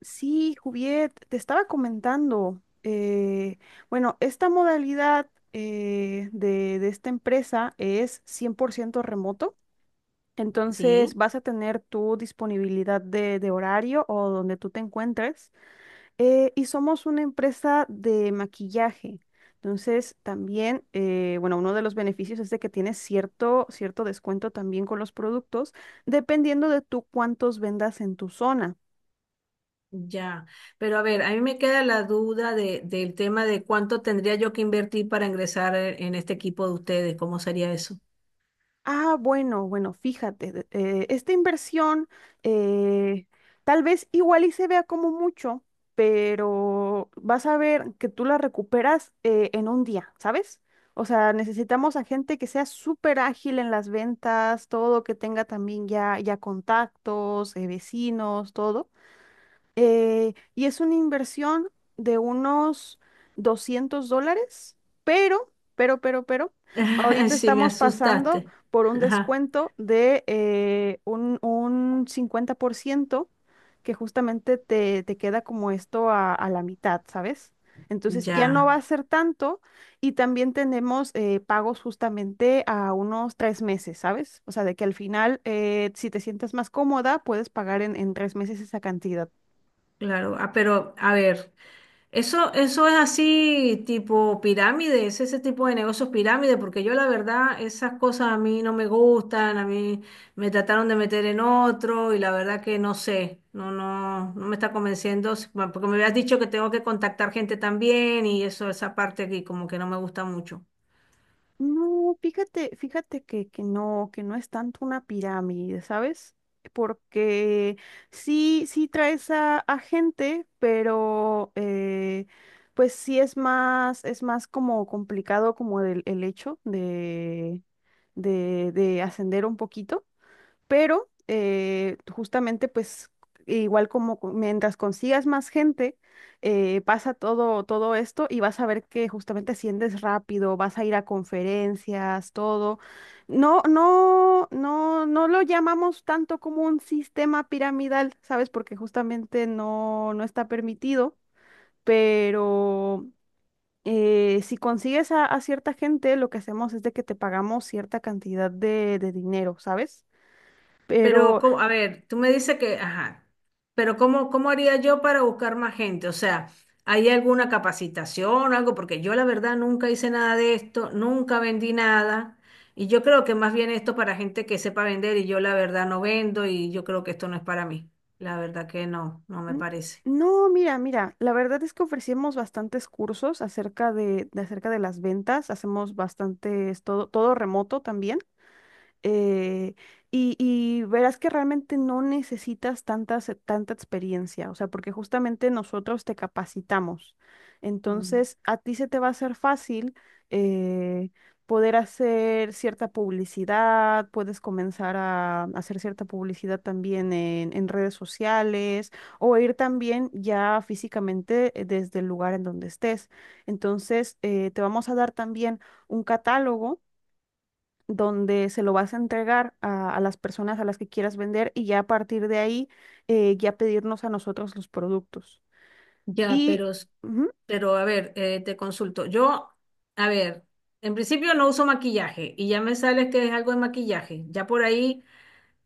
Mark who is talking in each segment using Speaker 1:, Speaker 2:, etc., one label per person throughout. Speaker 1: Sí, Juviet, te estaba comentando. Bueno, esta modalidad de esta empresa es 100% remoto, entonces
Speaker 2: Sí,
Speaker 1: vas a tener tu disponibilidad de horario o donde tú te encuentres. Y somos una empresa de maquillaje. Entonces, también, bueno, uno de los beneficios es de que tienes cierto descuento también con los productos, dependiendo de tú cuántos vendas en tu zona.
Speaker 2: ya. Pero a ver, a mí me queda la duda del tema de cuánto tendría yo que invertir para ingresar en este equipo de ustedes. ¿Cómo sería eso?
Speaker 1: Ah, bueno, fíjate, esta inversión eh, tal vez igual y se vea como mucho, pero vas a ver que tú la recuperas en un día, ¿sabes? O sea, necesitamos a gente que sea súper ágil en las ventas, todo, que tenga también ya contactos, vecinos, todo. Y es una inversión de unos $200, pero, ahorita
Speaker 2: Sí, me
Speaker 1: estamos pasando
Speaker 2: asustaste.
Speaker 1: por un
Speaker 2: Ajá,
Speaker 1: descuento de un 50% que justamente te queda como esto a la mitad, ¿sabes? Entonces ya no va
Speaker 2: ya.
Speaker 1: a ser tanto, y también tenemos pagos justamente a unos 3 meses, ¿sabes? O sea, de que al final, si te sientes más cómoda, puedes pagar en 3 meses esa cantidad.
Speaker 2: Claro, ah, pero a ver, eso es así tipo pirámide, es ese tipo de negocios pirámide, porque yo la verdad esas cosas a mí no me gustan, a mí me trataron de meter en otro y la verdad que no sé, no, no, no me está convenciendo, bueno, porque me habías dicho que tengo que contactar gente también y eso, esa parte aquí como que no me gusta mucho.
Speaker 1: No, fíjate que no es tanto una pirámide, ¿sabes? Porque sí traes a gente, pero pues sí es es más como complicado como el hecho de ascender un poquito, pero justamente pues igual mientras consigas más gente, pasa todo esto y vas a ver que justamente asciendes rápido, vas a ir a conferencias, todo. No lo llamamos tanto como un sistema piramidal, ¿sabes? Porque justamente no está permitido, pero... si consigues a cierta gente, lo que hacemos es de que te pagamos cierta cantidad de dinero, ¿sabes?
Speaker 2: Pero,
Speaker 1: Pero
Speaker 2: ¿cómo? A ver, tú me dices que, ajá, pero ¿cómo, cómo haría yo para buscar más gente? O sea, ¿hay alguna capacitación, algo? Porque yo la verdad nunca hice nada de esto, nunca vendí nada. Y yo creo que más bien esto para gente que sepa vender y yo la verdad no vendo y yo creo que esto no es para mí. La verdad que no, no me
Speaker 1: N-
Speaker 2: parece.
Speaker 1: no, mira, la verdad es que ofrecemos bastantes cursos acerca de acerca de las ventas, hacemos bastantes, todo, todo remoto también, eh, y verás que realmente no necesitas tanta experiencia, o sea, porque justamente nosotros te capacitamos.
Speaker 2: Mm.
Speaker 1: Entonces, a ti se te va a hacer fácil eh, poder hacer cierta publicidad, puedes comenzar a hacer cierta publicidad también en redes sociales o ir también ya físicamente desde el lugar en donde estés. Entonces, te vamos a dar también un catálogo donde se lo vas a entregar a las personas a las que quieras vender, y ya a partir de ahí ya pedirnos a nosotros los productos.
Speaker 2: Ya,
Speaker 1: Y
Speaker 2: pero, s-
Speaker 1: ujú.
Speaker 2: pero a ver, te consulto. A ver, en principio no uso maquillaje y ya me sales que es algo de maquillaje. Ya por ahí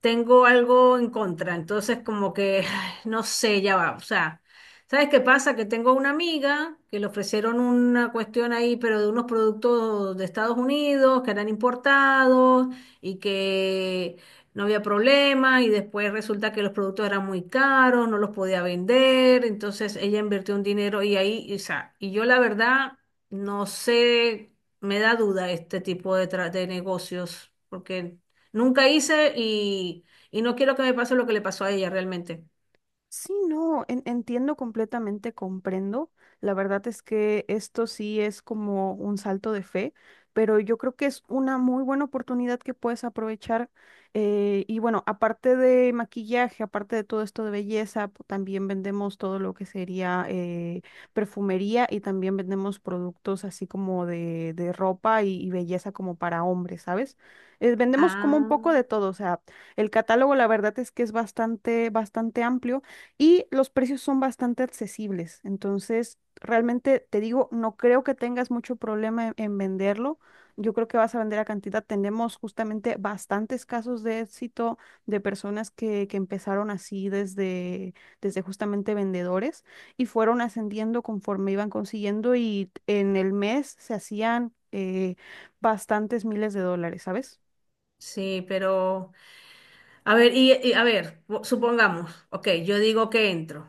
Speaker 2: tengo algo en contra, entonces como que, ay, no sé, ya va, o sea, ¿sabes qué pasa? Que tengo una amiga que le ofrecieron una cuestión ahí, pero de unos productos de Estados Unidos que eran importados y que no había problema, y después resulta que los productos eran muy caros, no los podía vender, entonces ella invirtió un dinero y ahí, o sea, y yo la verdad no sé, me da duda este tipo de, de negocios, porque nunca hice. Y no quiero que me pase lo que le pasó a ella realmente.
Speaker 1: Sí, no, entiendo completamente, comprendo. La verdad es que esto sí es como un salto de fe, pero yo creo que es una muy buena oportunidad que puedes aprovechar. Y bueno, aparte de maquillaje, aparte de todo esto de belleza, también vendemos todo lo que sería perfumería, y también vendemos productos así como de ropa y belleza como para hombres, ¿sabes? Vendemos como un
Speaker 2: Ah,
Speaker 1: poco de todo, o sea, el catálogo la verdad es que es bastante amplio y los precios son bastante accesibles. Entonces, realmente te digo, no creo que tengas mucho problema en venderlo. Yo creo que vas a vender a cantidad. Tenemos justamente bastantes casos de éxito de personas que empezaron así desde justamente vendedores, y fueron ascendiendo conforme iban consiguiendo, y en el mes se hacían bastantes miles de dólares, ¿sabes?
Speaker 2: sí, pero a ver, a ver, supongamos, ok, yo digo que entro.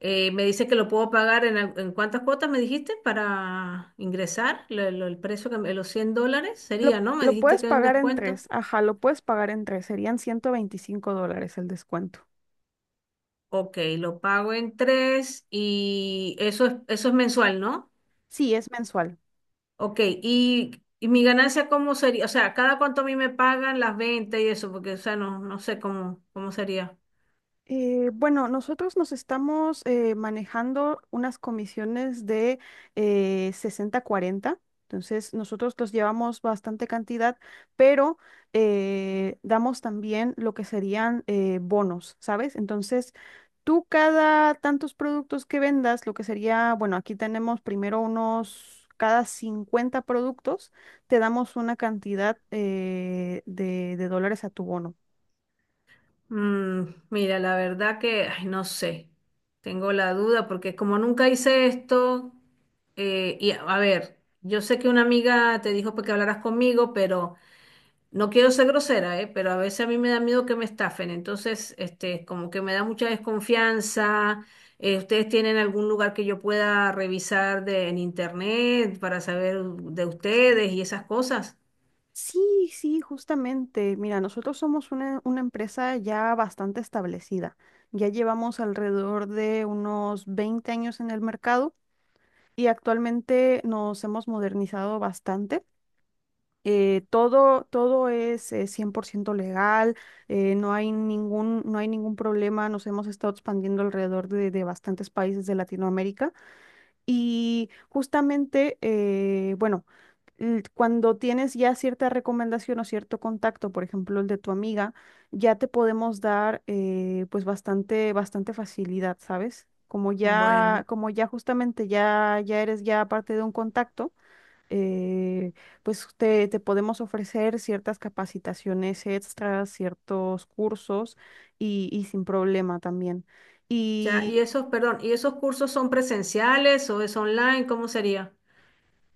Speaker 2: Me dice que lo puedo pagar en, en cuántas cuotas me dijiste para ingresar. El precio que los 100 dólares sería, ¿no? Me
Speaker 1: Lo
Speaker 2: dijiste
Speaker 1: puedes
Speaker 2: que hay un
Speaker 1: pagar en
Speaker 2: descuento.
Speaker 1: tres, ajá, lo puedes pagar en tres, serían $125 el descuento.
Speaker 2: Ok, lo pago en tres y eso es mensual, ¿no?
Speaker 1: Sí, es mensual.
Speaker 2: Ok, y mi ganancia, ¿cómo sería? O sea, ¿cada cuánto a mí me pagan las ventas y eso? Porque, o sea, no, no sé cómo, cómo sería.
Speaker 1: Bueno, nosotros nos estamos manejando unas comisiones de 60-40, entonces nosotros los llevamos bastante cantidad, pero damos también lo que serían bonos, ¿sabes? Entonces, tú cada tantos productos que vendas, lo que sería, bueno, aquí tenemos primero unos... Cada 50 productos te damos una cantidad de dólares a tu bono.
Speaker 2: Mm, mira, la verdad que, ay, no sé. Tengo la duda porque como nunca hice esto, y a ver, yo sé que una amiga te dijo pues, que hablaras conmigo, pero no quiero ser grosera, ¿eh? Pero a veces a mí me da miedo que me estafen, entonces, este, como que me da mucha desconfianza. ¿Ustedes tienen algún lugar que yo pueda revisar en internet para saber de ustedes y esas cosas?
Speaker 1: Sí, sí, justamente. Mira, nosotros somos una empresa ya bastante establecida. Ya llevamos alrededor de unos 20 años en el mercado y actualmente nos hemos modernizado bastante. Todo es 100% legal, no hay ningún problema. Nos hemos estado expandiendo alrededor de bastantes países de Latinoamérica. Y justamente, bueno, cuando tienes ya cierta recomendación o cierto contacto, por ejemplo, el de tu amiga, ya te podemos dar pues bastante facilidad, ¿sabes?
Speaker 2: Bueno,
Speaker 1: Como ya justamente ya eres ya parte de un contacto, eh, pues te podemos ofrecer ciertas capacitaciones extras, ciertos cursos, y sin problema también.
Speaker 2: ya, y esos, perdón, ¿y esos cursos son presenciales o es online? ¿Cómo sería?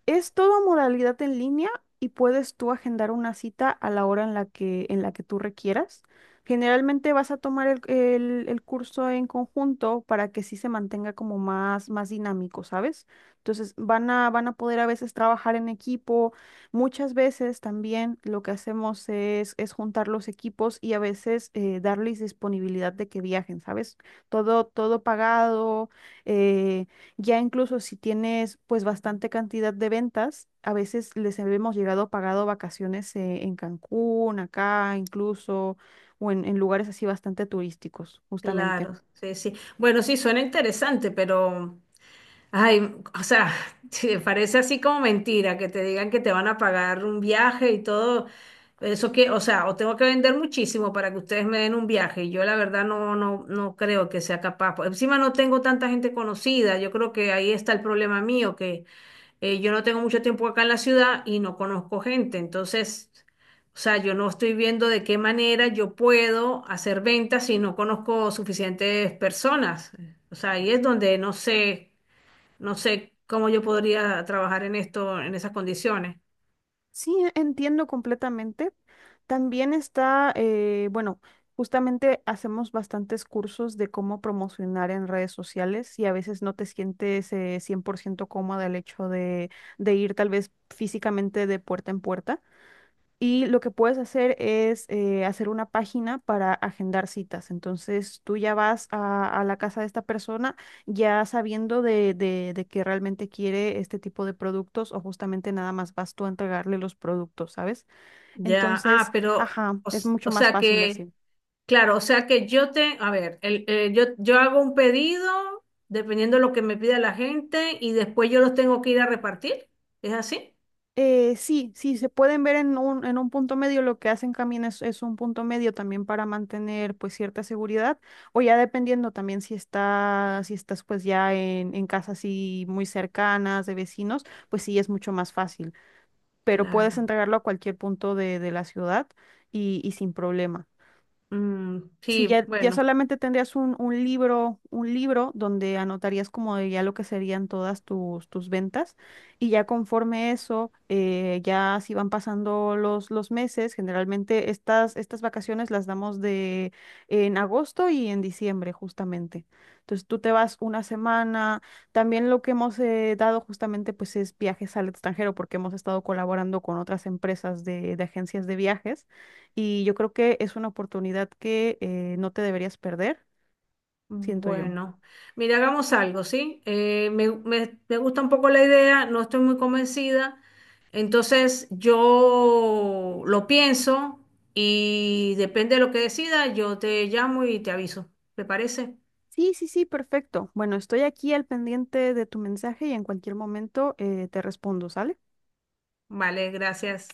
Speaker 1: Es toda modalidad en línea, y puedes tú agendar una cita a la hora en la que tú requieras. Generalmente vas a tomar el curso en conjunto para que sí se mantenga como más dinámico, ¿sabes? Entonces van a poder a veces trabajar en equipo. Muchas veces también lo que hacemos es juntar los equipos, y a veces darles disponibilidad de que viajen, ¿sabes? Todo pagado. eh, ya incluso si tienes pues bastante cantidad de ventas, a veces les hemos llegado pagado vacaciones en Cancún, acá incluso, o en lugares así bastante turísticos, justamente.
Speaker 2: Claro, sí, sí. Bueno, sí, suena interesante, pero ay, o sea, sí, parece así como mentira que te digan que te van a pagar un viaje y todo. Eso que, o sea, o tengo que vender muchísimo para que ustedes me den un viaje. Y yo la verdad no, no, no creo que sea capaz. Por encima no tengo tanta gente conocida. Yo creo que ahí está el problema mío, que yo no tengo mucho tiempo acá en la ciudad y no conozco gente. Entonces, o sea, yo no estoy viendo de qué manera yo puedo hacer ventas si no conozco suficientes personas. O sea, ahí es donde no sé. No sé cómo yo podría trabajar en esto, en esas condiciones.
Speaker 1: Sí, entiendo completamente. También está, bueno, justamente hacemos bastantes cursos de cómo promocionar en redes sociales, y a veces no te sientes 100% cómoda el hecho de ir tal vez físicamente de puerta en puerta. Y lo que puedes hacer es hacer una página para agendar citas. Entonces tú ya vas a la casa de esta persona ya sabiendo de que realmente quiere este tipo de productos, o justamente nada más vas tú a entregarle los productos, ¿sabes?
Speaker 2: Ya, ah,
Speaker 1: Entonces,
Speaker 2: pero,
Speaker 1: ajá, es mucho
Speaker 2: o
Speaker 1: más
Speaker 2: sea
Speaker 1: fácil
Speaker 2: que,
Speaker 1: así.
Speaker 2: claro, o sea que yo te, a ver, el, yo, yo hago un pedido dependiendo de lo que me pida la gente y después yo los tengo que ir a repartir. ¿Es así?
Speaker 1: Sí, sí, se pueden ver en un punto medio, lo que hacen también es un punto medio también para mantener pues cierta seguridad, o ya dependiendo también si estás pues ya en casas así muy cercanas de vecinos, pues sí es mucho más fácil, pero puedes
Speaker 2: Claro.
Speaker 1: entregarlo a cualquier punto de la ciudad, y sin problema.
Speaker 2: Mm,
Speaker 1: Si
Speaker 2: sí,
Speaker 1: ya, ya
Speaker 2: bueno.
Speaker 1: solamente tendrías un libro donde anotarías como de ya lo que serían todas tus ventas, y ya conforme eso, ya si van pasando los meses, generalmente estas vacaciones las damos de en agosto y en diciembre justamente. Entonces tú te vas una semana. También lo que hemos dado justamente pues es viajes al extranjero porque hemos estado colaborando con otras empresas de agencias de viajes, y yo creo que es una oportunidad que no te deberías perder, siento yo.
Speaker 2: Bueno, mira, hagamos algo, ¿sí? Me gusta un poco la idea, no estoy muy convencida, entonces yo lo pienso y depende de lo que decida, yo te llamo y te aviso. ¿Te parece?
Speaker 1: Sí, sí, sí, perfecto. Bueno, estoy aquí al pendiente de tu mensaje, y en cualquier momento te respondo, ¿sale?
Speaker 2: Vale, gracias.